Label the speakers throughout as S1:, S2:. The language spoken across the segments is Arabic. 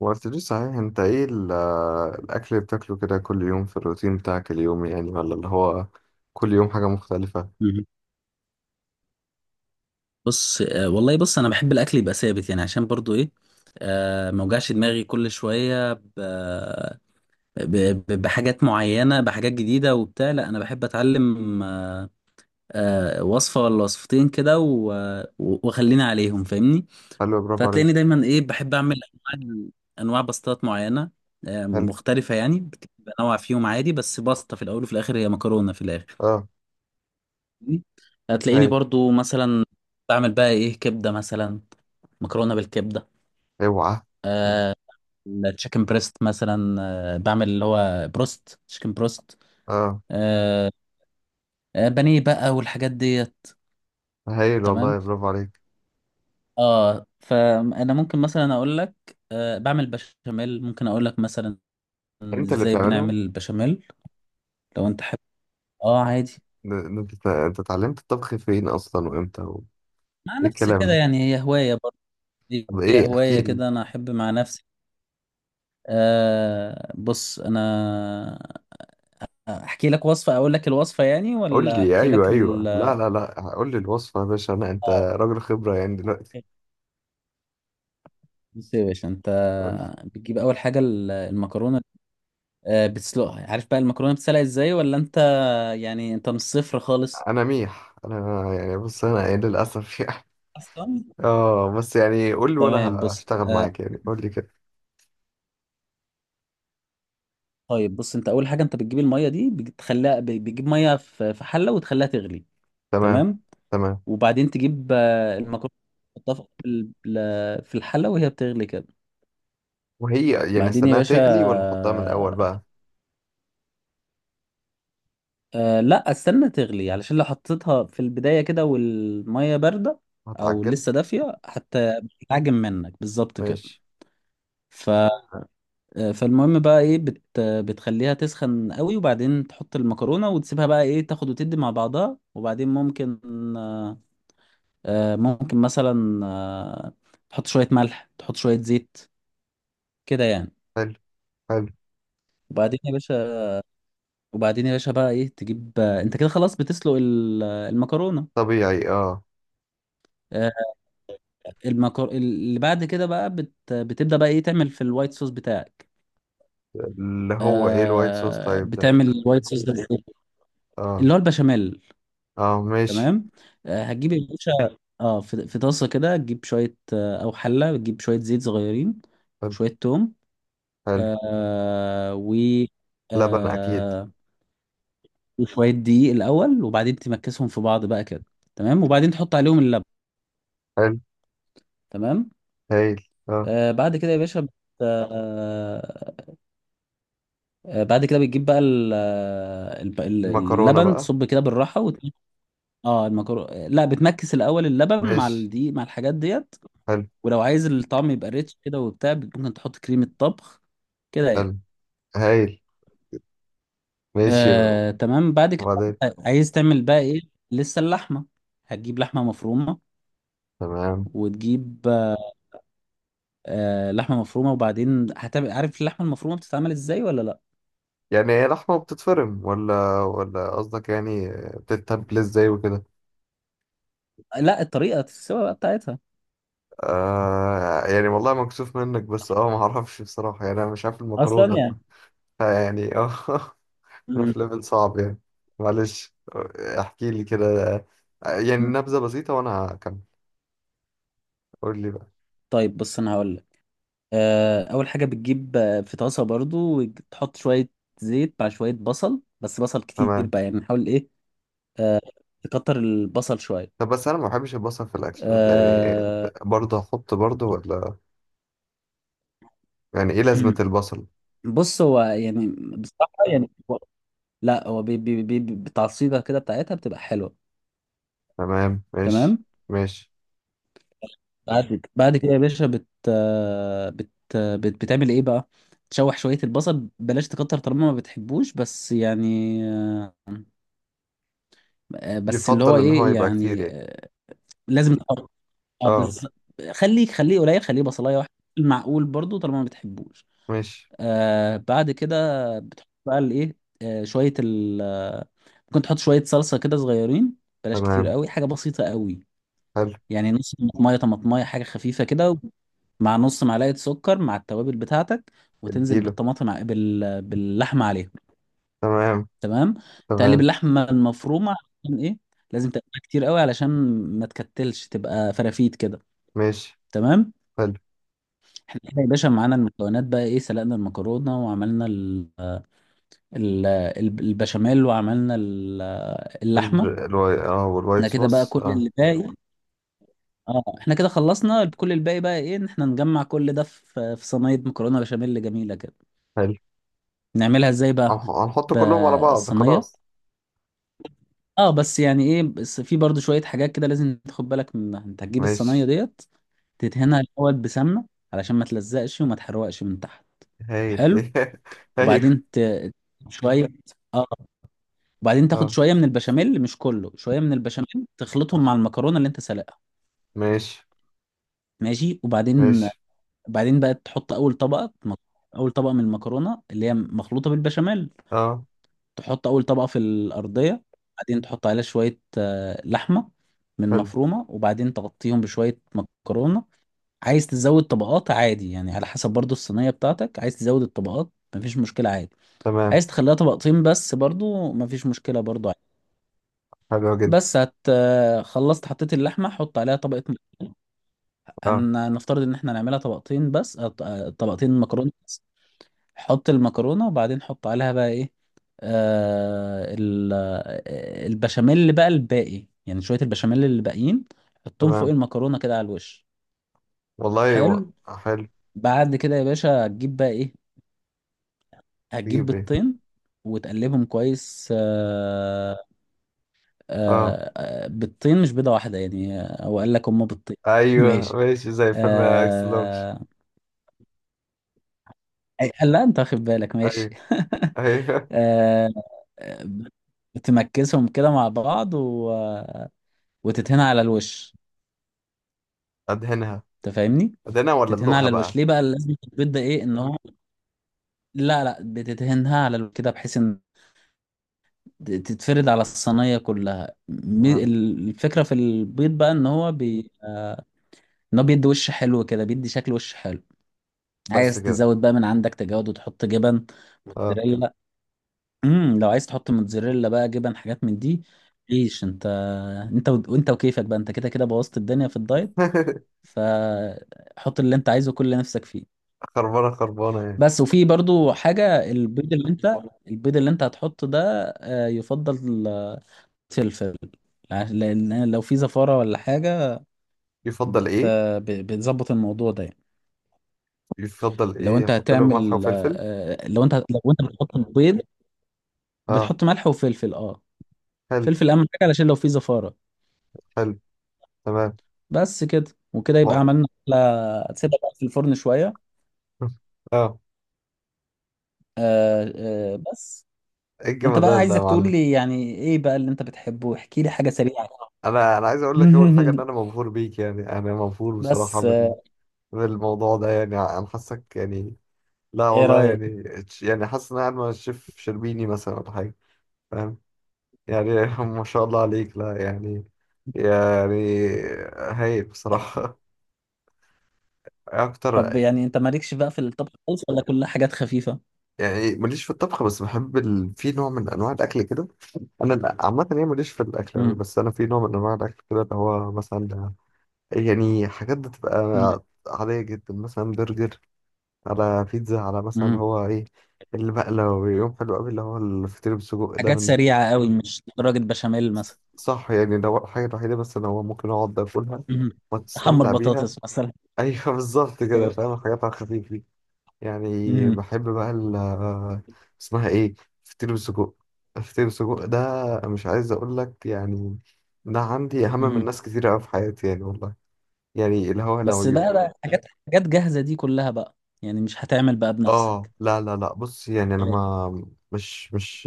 S1: ما قلتليش صحيح، انت ايه الاكل اللي بتاكله كده كل يوم في الروتين بتاعك اليومي، يعني ولا اللي هو كل يوم حاجة مختلفة؟
S2: مهم. بص والله بص، انا بحب الاكل يبقى ثابت يعني عشان برضو ايه. ما اوجعش دماغي كل شويه ب... بحاجات معينه، بحاجات جديده وبتاع. لا انا بحب اتعلم وصفه ولا وصفتين كده واخليني عليهم فاهمني.
S1: حلو، برافو
S2: فهتلاقيني
S1: عليك.
S2: دايما ايه بحب اعمل انواع انواع باستات معينه
S1: حلو.
S2: مختلفه يعني. بنوع فيهم عادي بس باستا في الاول وفي الاخر، هي مكرونه في الاخر.
S1: اه.
S2: هتلاقيني
S1: هايل.
S2: برضو مثلا بعمل بقى ايه كبده مثلا، مكرونه بالكبده.
S1: اوعى.
S2: التشيكن بريست مثلا. بعمل اللي هو بروست، تشيكن بروست.
S1: اه.
S2: آه، بانيه بقى والحاجات ديت.
S1: هايل
S2: تمام.
S1: والله، برافو عليك.
S2: اه، فانا ممكن مثلا اقول لك بعمل بشاميل، ممكن اقول لك مثلا
S1: انت اللي
S2: ازاي
S1: بتعمله؟
S2: بنعمل البشاميل لو انت حابب. اه، عادي.
S1: ده انت اتعلمت الطبخ فين اصلا وامتى
S2: مع
S1: ايه
S2: نفسي
S1: الكلام
S2: كده
S1: ده!
S2: يعني، هي هوايه برضه،
S1: طب
S2: هي
S1: ايه، احكي
S2: هوايه
S1: لي.
S2: كده انا احب مع نفسي. بص انا احكي لك وصفة، اقول لك الوصفة يعني،
S1: قول
S2: ولا
S1: لي،
S2: احكي لك
S1: ايوه ايوه، لا لا لا، قول لي الوصفة يا باشا. انا انت
S2: اه،
S1: راجل خبرة يعني دلوقتي.
S2: بص يا باشا انت.
S1: قول لي.
S2: بتجيب اول حاجة المكرونة. بتسلقها. عارف بقى المكرونة بتسلق ازاي ولا انت يعني انت من الصفر خالص
S1: انا ميح، انا يعني بص انا ايه للاسف
S2: اصلا؟
S1: اه بس يعني قول لي وانا
S2: تمام. بص
S1: هشتغل معاك يعني، قول لي كده.
S2: طيب بص، انت اول حاجة انت بتجيب المية دي بتخليها بتجيب مية في حلة وتخليها تغلي.
S1: تمام.
S2: تمام،
S1: تمام.
S2: وبعدين تجيب المكرونة تحطها في الحلة وهي بتغلي كده.
S1: وهي يعني
S2: بعدين يا
S1: استناها
S2: باشا
S1: تغلي ولا احطها من الاول بقى؟
S2: لا، استنى تغلي علشان لو حطيتها في البداية كده والمية باردة او
S1: هتعجن.
S2: لسه دافية حتى بتتعجن منك بالظبط كده.
S1: ماشي.
S2: ف آه، فالمهم بقى ايه بتخليها تسخن قوي، وبعدين تحط المكرونة وتسيبها بقى ايه تاخد وتدي مع بعضها. وبعدين آه، ممكن مثلا تحط شوية ملح، تحط شوية زيت كده يعني.
S1: حلو. حلو.
S2: وبعدين يا باشا وبعدين يا باشا بقى ايه تجيب انت كده خلاص بتسلق المكرونة.
S1: طبيعي، اه.
S2: آه، اللي بعد كده بقى بتبدأ بقى ايه تعمل في الوايت صوص بتاعك.
S1: اللي هو ايه الوايت صوص طيب؟ ده
S2: بتعمل الوايت صوص ده بإيه؟ اللي
S1: اه.
S2: هو البشاميل.
S1: اه، ماشي.
S2: تمام. هتجيب يا باشا، اه في طاسة كده، تجيب شوية او حلة، وتجيب شوية زيت صغيرين،
S1: حلو.
S2: وشوية توم
S1: حلو.
S2: و
S1: لبن اكيد.
S2: آه... وشوية دقيق الأول، وبعدين تمكسهم في بعض بقى كده. تمام، وبعدين تحط عليهم اللبن.
S1: حلو.
S2: تمام.
S1: هايل، اه.
S2: بعد كده يا باشا بت... آه آه، بعد كده بتجيب بقى
S1: المكرونة
S2: اللبن،
S1: بقى؟
S2: تصب كده بالراحه اه، المكرونه لا، بتمكس الاول اللبن مع
S1: ماشي.
S2: الدقيق مع الحاجات ديت.
S1: حلو.
S2: ولو عايز الطعم يبقى ريتش كده وبتاع، ممكن تحط كريمه طبخ كده يعني.
S1: حلو. هايل. ماشي.
S2: تمام، بعد كده
S1: وبعدين؟
S2: بقى عايز تعمل بقى ايه. لسه اللحمه، هتجيب لحمه مفرومه،
S1: تمام.
S2: وتجيب لحمه مفرومه. وبعدين هتعمل، عارف اللحمه المفرومه بتتعمل ازاي ولا لا؟
S1: يعني هي لحمة بتتفرم ولا ولا، قصدك يعني بتتبل ازاي وكده؟
S2: لا، الطريقه السوا بقى بتاعتها
S1: يعني والله مكسوف منك، بس اه ما اعرفش بصراحة يعني، انا مش عارف
S2: اصلا
S1: المكرونة
S2: يعني.
S1: يعني اه انا
S2: م-
S1: في ليفل صعب يعني. معلش، احكي لي كده. يعني
S2: م.
S1: نبذة بسيطة وانا هكمل. قول لي بقى.
S2: طيب بص، انا هقول اول حاجه بتجيب في طاسه برضو وتحط شويه زيت مع شويه بصل، بس بصل كتير
S1: تمام.
S2: بقى يعني، نحاول ايه آه، تكتر البصل شويه
S1: طب بس انا ما بحبش البصل في الاكل يعني،
S2: آه،
S1: برضه هحط برضه ولا؟ يعني ايه لازمة
S2: مم.
S1: البصل؟
S2: بص هو يعني، بصراحه يعني لا، هو بالتعصيبه كده بتاعتها بتبقى حلوه.
S1: تمام، ماشي.
S2: تمام.
S1: ماشي.
S2: بعد كده يا باشا بت آه، بت آه، بت بتعمل ايه بقى. تشوح شويه البصل، بلاش تكتر طالما ما بتحبوش، بس يعني بس اللي هو
S1: يفضل ان هو
S2: ايه
S1: يبقى كتير
S2: يعني
S1: يعني؟
S2: لازم تقطع. اه
S1: اه.
S2: بس خليه قليل، خليه بصلايه واحده، المعقول برضو طالما ما بتحبوش.
S1: ماشي.
S2: بعد كده بتحط بقى الايه شويه ال آه، ممكن تحط شويه صلصه كده صغيرين، بلاش كتير
S1: تمام.
S2: قوي، حاجه بسيطه قوي.
S1: حلو.
S2: يعني نص طماطميه حاجه خفيفه كده، مع نص معلقه سكر مع التوابل بتاعتك، وتنزل
S1: اديله.
S2: بالطماطم باللحمه عليهم.
S1: تمام.
S2: تمام. تقلب
S1: تمام.
S2: اللحمه المفرومه عشان ايه؟ لازم تقلبها كتير قوي علشان ما تكتلش، تبقى فرافيت كده.
S1: ماشي.
S2: تمام.
S1: حلو.
S2: احنا كده يا باشا معانا المكونات بقى ايه، سلقنا المكرونه، وعملنا البشاميل، وعملنا اللحمه.
S1: الواي اه، والوايت
S2: احنا كده بقى
S1: صوص،
S2: كل
S1: اه.
S2: اللي باقي. اه، احنا كده خلصنا كل الباقي، بقى ايه ان احنا نجمع كل ده في صينيه مكرونه بشاميل جميله كده.
S1: حلو.
S2: نعملها ازاي بقى؟
S1: هنحط كلهم على بعض
S2: بالصينيه.
S1: خلاص؟
S2: اه بس يعني ايه، بس في برضو شويه حاجات كده لازم تاخد بالك منها. انت هتجيب الصينيه
S1: ماشي.
S2: ديت تدهنها الاول بسمنه، علشان ما تلزقش وما تحرقش من تحت.
S1: هايل
S2: حلو،
S1: ايوه.
S2: وبعدين شويه، اه، وبعدين تاخد
S1: اه.
S2: شويه من البشاميل، مش كله، شويه من البشاميل تخلطهم
S1: آه.
S2: مع المكرونه اللي انت سلقها.
S1: ماشي.
S2: ماشي، وبعدين
S1: ماشي.
S2: بعدين بقى تحط اول طبقه اول طبقه من المكرونه اللي هي مخلوطه بالبشاميل.
S1: اه.
S2: تحط اول طبقه في الارضيه، بعدين تحط عليها شويه لحمه من
S1: حلو.
S2: مفرومه، وبعدين تغطيهم بشويه مكرونه. عايز تزود طبقات عادي يعني، على حسب برضو الصينيه بتاعتك. عايز تزود الطبقات مفيش مشكله عادي،
S1: تمام.
S2: عايز تخليها طبقتين بس برضو مفيش مشكله برضو.
S1: حلو جدا.
S2: بس هت آه، خلصت، حطيت اللحمه، حط عليها طبقه مكرونه.
S1: اه.
S2: هنفترض ان احنا هنعملها طبقتين بس، أو طبقتين مكرونه بس. حط المكرونه وبعدين حط عليها بقى ايه البشاميل اللي بقى الباقي، يعني شويه البشاميل اللي باقيين، حطهم فوق
S1: تمام.
S2: المكرونه كده على الوش.
S1: والله
S2: حلو.
S1: حلو.
S2: بعد كده يا باشا هتجيب بقى ايه، هتجيب
S1: تجيب ايه؟
S2: بيضتين وتقلبهم كويس.
S1: اه.
S2: بيضتين مش بيضه واحده يعني، هو قال لك هما بيضتين
S1: ايوه
S2: ماشي
S1: ماشي، زي فيلم اكس لارج.
S2: آه... لا، انت واخد بالك، ماشي
S1: ايوه. ايوه
S2: آه... بتمكسهم كده مع بعض و... وتتهنى على الوش.
S1: ادهنها؟
S2: انت فاهمني،
S1: ادهنها ولا
S2: تتهنى
S1: ادلقها
S2: على الوش
S1: بقى؟
S2: ليه بقى، لازم البيض ده ايه ان هو. لا لا، بتتهنها على الوش كده بحيث ان تتفرد على الصينيه كلها.
S1: آه.
S2: الفكره في البيض بقى ان هو ان هو بيدي وش حلو كده، بيدي شكل وش حلو.
S1: بس
S2: عايز
S1: كده؟
S2: تزود بقى من عندك، تجود وتحط جبن
S1: اه
S2: موتزاريلا. لو عايز تحط موتزاريلا بقى، جبن حاجات من دي، ليش انت وانت وكيفك بقى، انت كده كده بوظت الدنيا في الدايت، فحط اللي انت عايزه، كل اللي نفسك فيه.
S1: خربانه خربانه يعني؟
S2: بس، وفي برضو حاجة، البيض اللي انت هتحطه ده يفضل فلفل، لان لو في زفارة ولا حاجة،
S1: يفضل
S2: بت...
S1: ايه؟
S2: بتظبط الموضوع ده يعني.
S1: يفضل
S2: لو
S1: ايه،
S2: انت
S1: احط له ملح
S2: هتعمل
S1: وفلفل؟
S2: آه، لو انت لو انت بتحط البيض،
S1: اه.
S2: بتحط ملح وفلفل. اه،
S1: حلو.
S2: فلفل اهم حاجة علشان لو في زفارة.
S1: حلو. تمام.
S2: بس كده وكده يبقى
S1: و-
S2: عملنا أكلة. تسيبها بقى في الفرن شوية.
S1: اه.
S2: آه بس
S1: ايه
S2: انت بقى،
S1: الجمدان ده يا
S2: عايزك تقول
S1: معلم!
S2: لي يعني ايه بقى اللي انت بتحبه، احكي لي حاجة سريعة كده.
S1: انا عايز اقول لك، اول حاجه ان انا مبهور بيك يعني، انا مبهور بصراحه
S2: بس
S1: بالموضوع ده يعني، انا حاسك يعني. لا
S2: ايه
S1: والله
S2: رأيك؟
S1: يعني، يعني حاسس ان انا قاعد مع الشيف شربيني مثلا ولا حاجه، فاهم يعني ما شاء الله عليك، لا يعني، يعني هايل بصراحه اكتر
S2: طب يعني انت مالكش بقى في الطبخ خالص ولا كلها حاجات خفيفة؟
S1: يعني. ماليش في الطبخ، بس بحب في نوع من انواع الاكل كده. انا عامه يعني ماليش في الاكل
S2: مم.
S1: أوي، بس انا في نوع من انواع الاكل كده اللي هو مثلا يعني حاجات بتبقى
S2: مم.
S1: عاديه جدا، مثلا برجر، على بيتزا، على مثلا
S2: مم.
S1: هو ايه اللي بقى لو يوم حلو قوي، اللي هو الفطير بالسجق ده
S2: حاجات
S1: من...
S2: سريعة قوي، مش درجة بشاميل مثلا.
S1: صح يعني، ده هو الحاجه الوحيده بس اللي هو ممكن اقعد اكلها
S2: مم. تحمر
S1: وتستمتع بيها.
S2: بطاطس مثلا.
S1: ايوه بالظبط كده، فاهم،
S2: ت-
S1: الحاجات على الخفيف دي يعني.
S2: مم.
S1: بحب بقى اسمها ايه، فطير بالسجق. فطير بالسجق ده مش عايز اقول لك يعني، ده عندي اهم من
S2: مم.
S1: ناس كتير قوي في حياتي يعني والله. يعني اللي هو لو
S2: بس بقى حاجات جاهزة دي كلها بقى، يعني مش هتعمل بقى
S1: اه،
S2: بنفسك.
S1: لا لا لا، بص يعني انا ما مش مش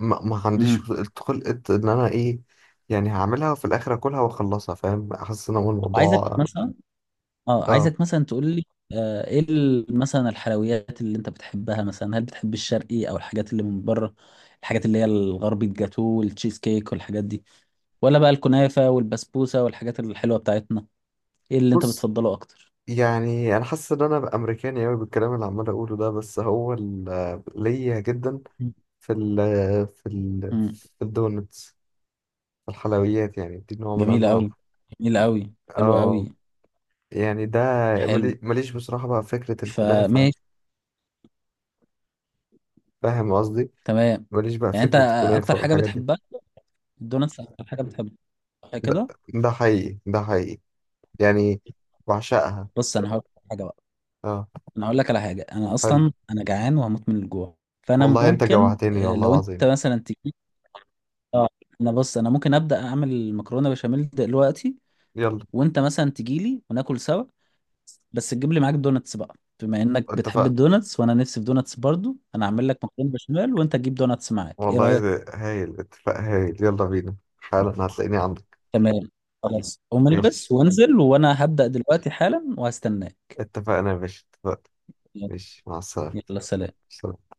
S1: ما, ما عنديش
S2: مم.
S1: خلقة ان انا ايه، يعني هعملها وفي الاخر اكلها واخلصها، فاهم، احس ان هو
S2: طب عايزك
S1: الموضوع.
S2: مثلا، اه
S1: اه
S2: عايزك مثلا تقول لي ايه مثلا الحلويات اللي انت بتحبها، مثلا هل بتحب الشرقي او الحاجات اللي من بره، الحاجات اللي هي الغربي، الجاتو والتشيز كيك والحاجات دي، ولا بقى الكنافة والبسبوسة والحاجات الحلوة بتاعتنا؟ ايه اللي انت
S1: بص
S2: بتفضله اكتر؟
S1: يعني انا حاسس ان انا امريكاني قوي بالكلام اللي عمال اقوله ده، بس هو ليا جدا في ال في ال
S2: امم
S1: في الدونتس، في الحلويات يعني دي نوع من
S2: جميل
S1: انواع.
S2: قوي، جميل قوي حلو قوي.
S1: اه يعني ده،
S2: حلو.
S1: ماليش بصراحة بقى فكرة الكنافة،
S2: فماشي
S1: فاهم قصدي؟
S2: تمام.
S1: ماليش بقى
S2: يعني انت
S1: فكرة
S2: اكتر
S1: الكنافة
S2: حاجة
S1: والحاجات دي.
S2: بتحبها الدوناتس، اكتر حاجة بتحبها، صح
S1: ده,
S2: كده؟
S1: ده حقيقي، ده حقيقي يعني، بعشقها.
S2: بص انا هقول لك حاجة بقى،
S1: اه،
S2: انا هقول لك على حاجه. انا
S1: حلو.
S2: اصلا انا جعان وهموت من الجوع، فانا
S1: والله انت
S2: ممكن
S1: جوعتني والله
S2: لو انت
S1: العظيم.
S2: مثلا تجي. اه، انا بص، انا ممكن ابدا اعمل مكرونه بشاميل دلوقتي،
S1: يلا.
S2: وانت مثلا تجي لي وناكل سوا. بس تجيب لي معاك دوناتس بقى، بما انك بتحب
S1: اتفقنا
S2: الدوناتس وانا نفسي في دوناتس برضو. انا هعمل لك مكرونه بشاميل وانت تجيب دوناتس معاك، ايه
S1: والله،
S2: رايك؟
S1: هايل، اتفاق هايل. يلا بينا حالا، هتلاقيني عندك.
S2: تمام خلاص، قوم
S1: ماشي.
S2: البس وانزل، وانا هبدا دلوقتي حالا وهستناك.
S1: اتفقنا يا باشا، اتفقنا. ماشي، مع السلامة.
S2: يلا سلام.
S1: سلام.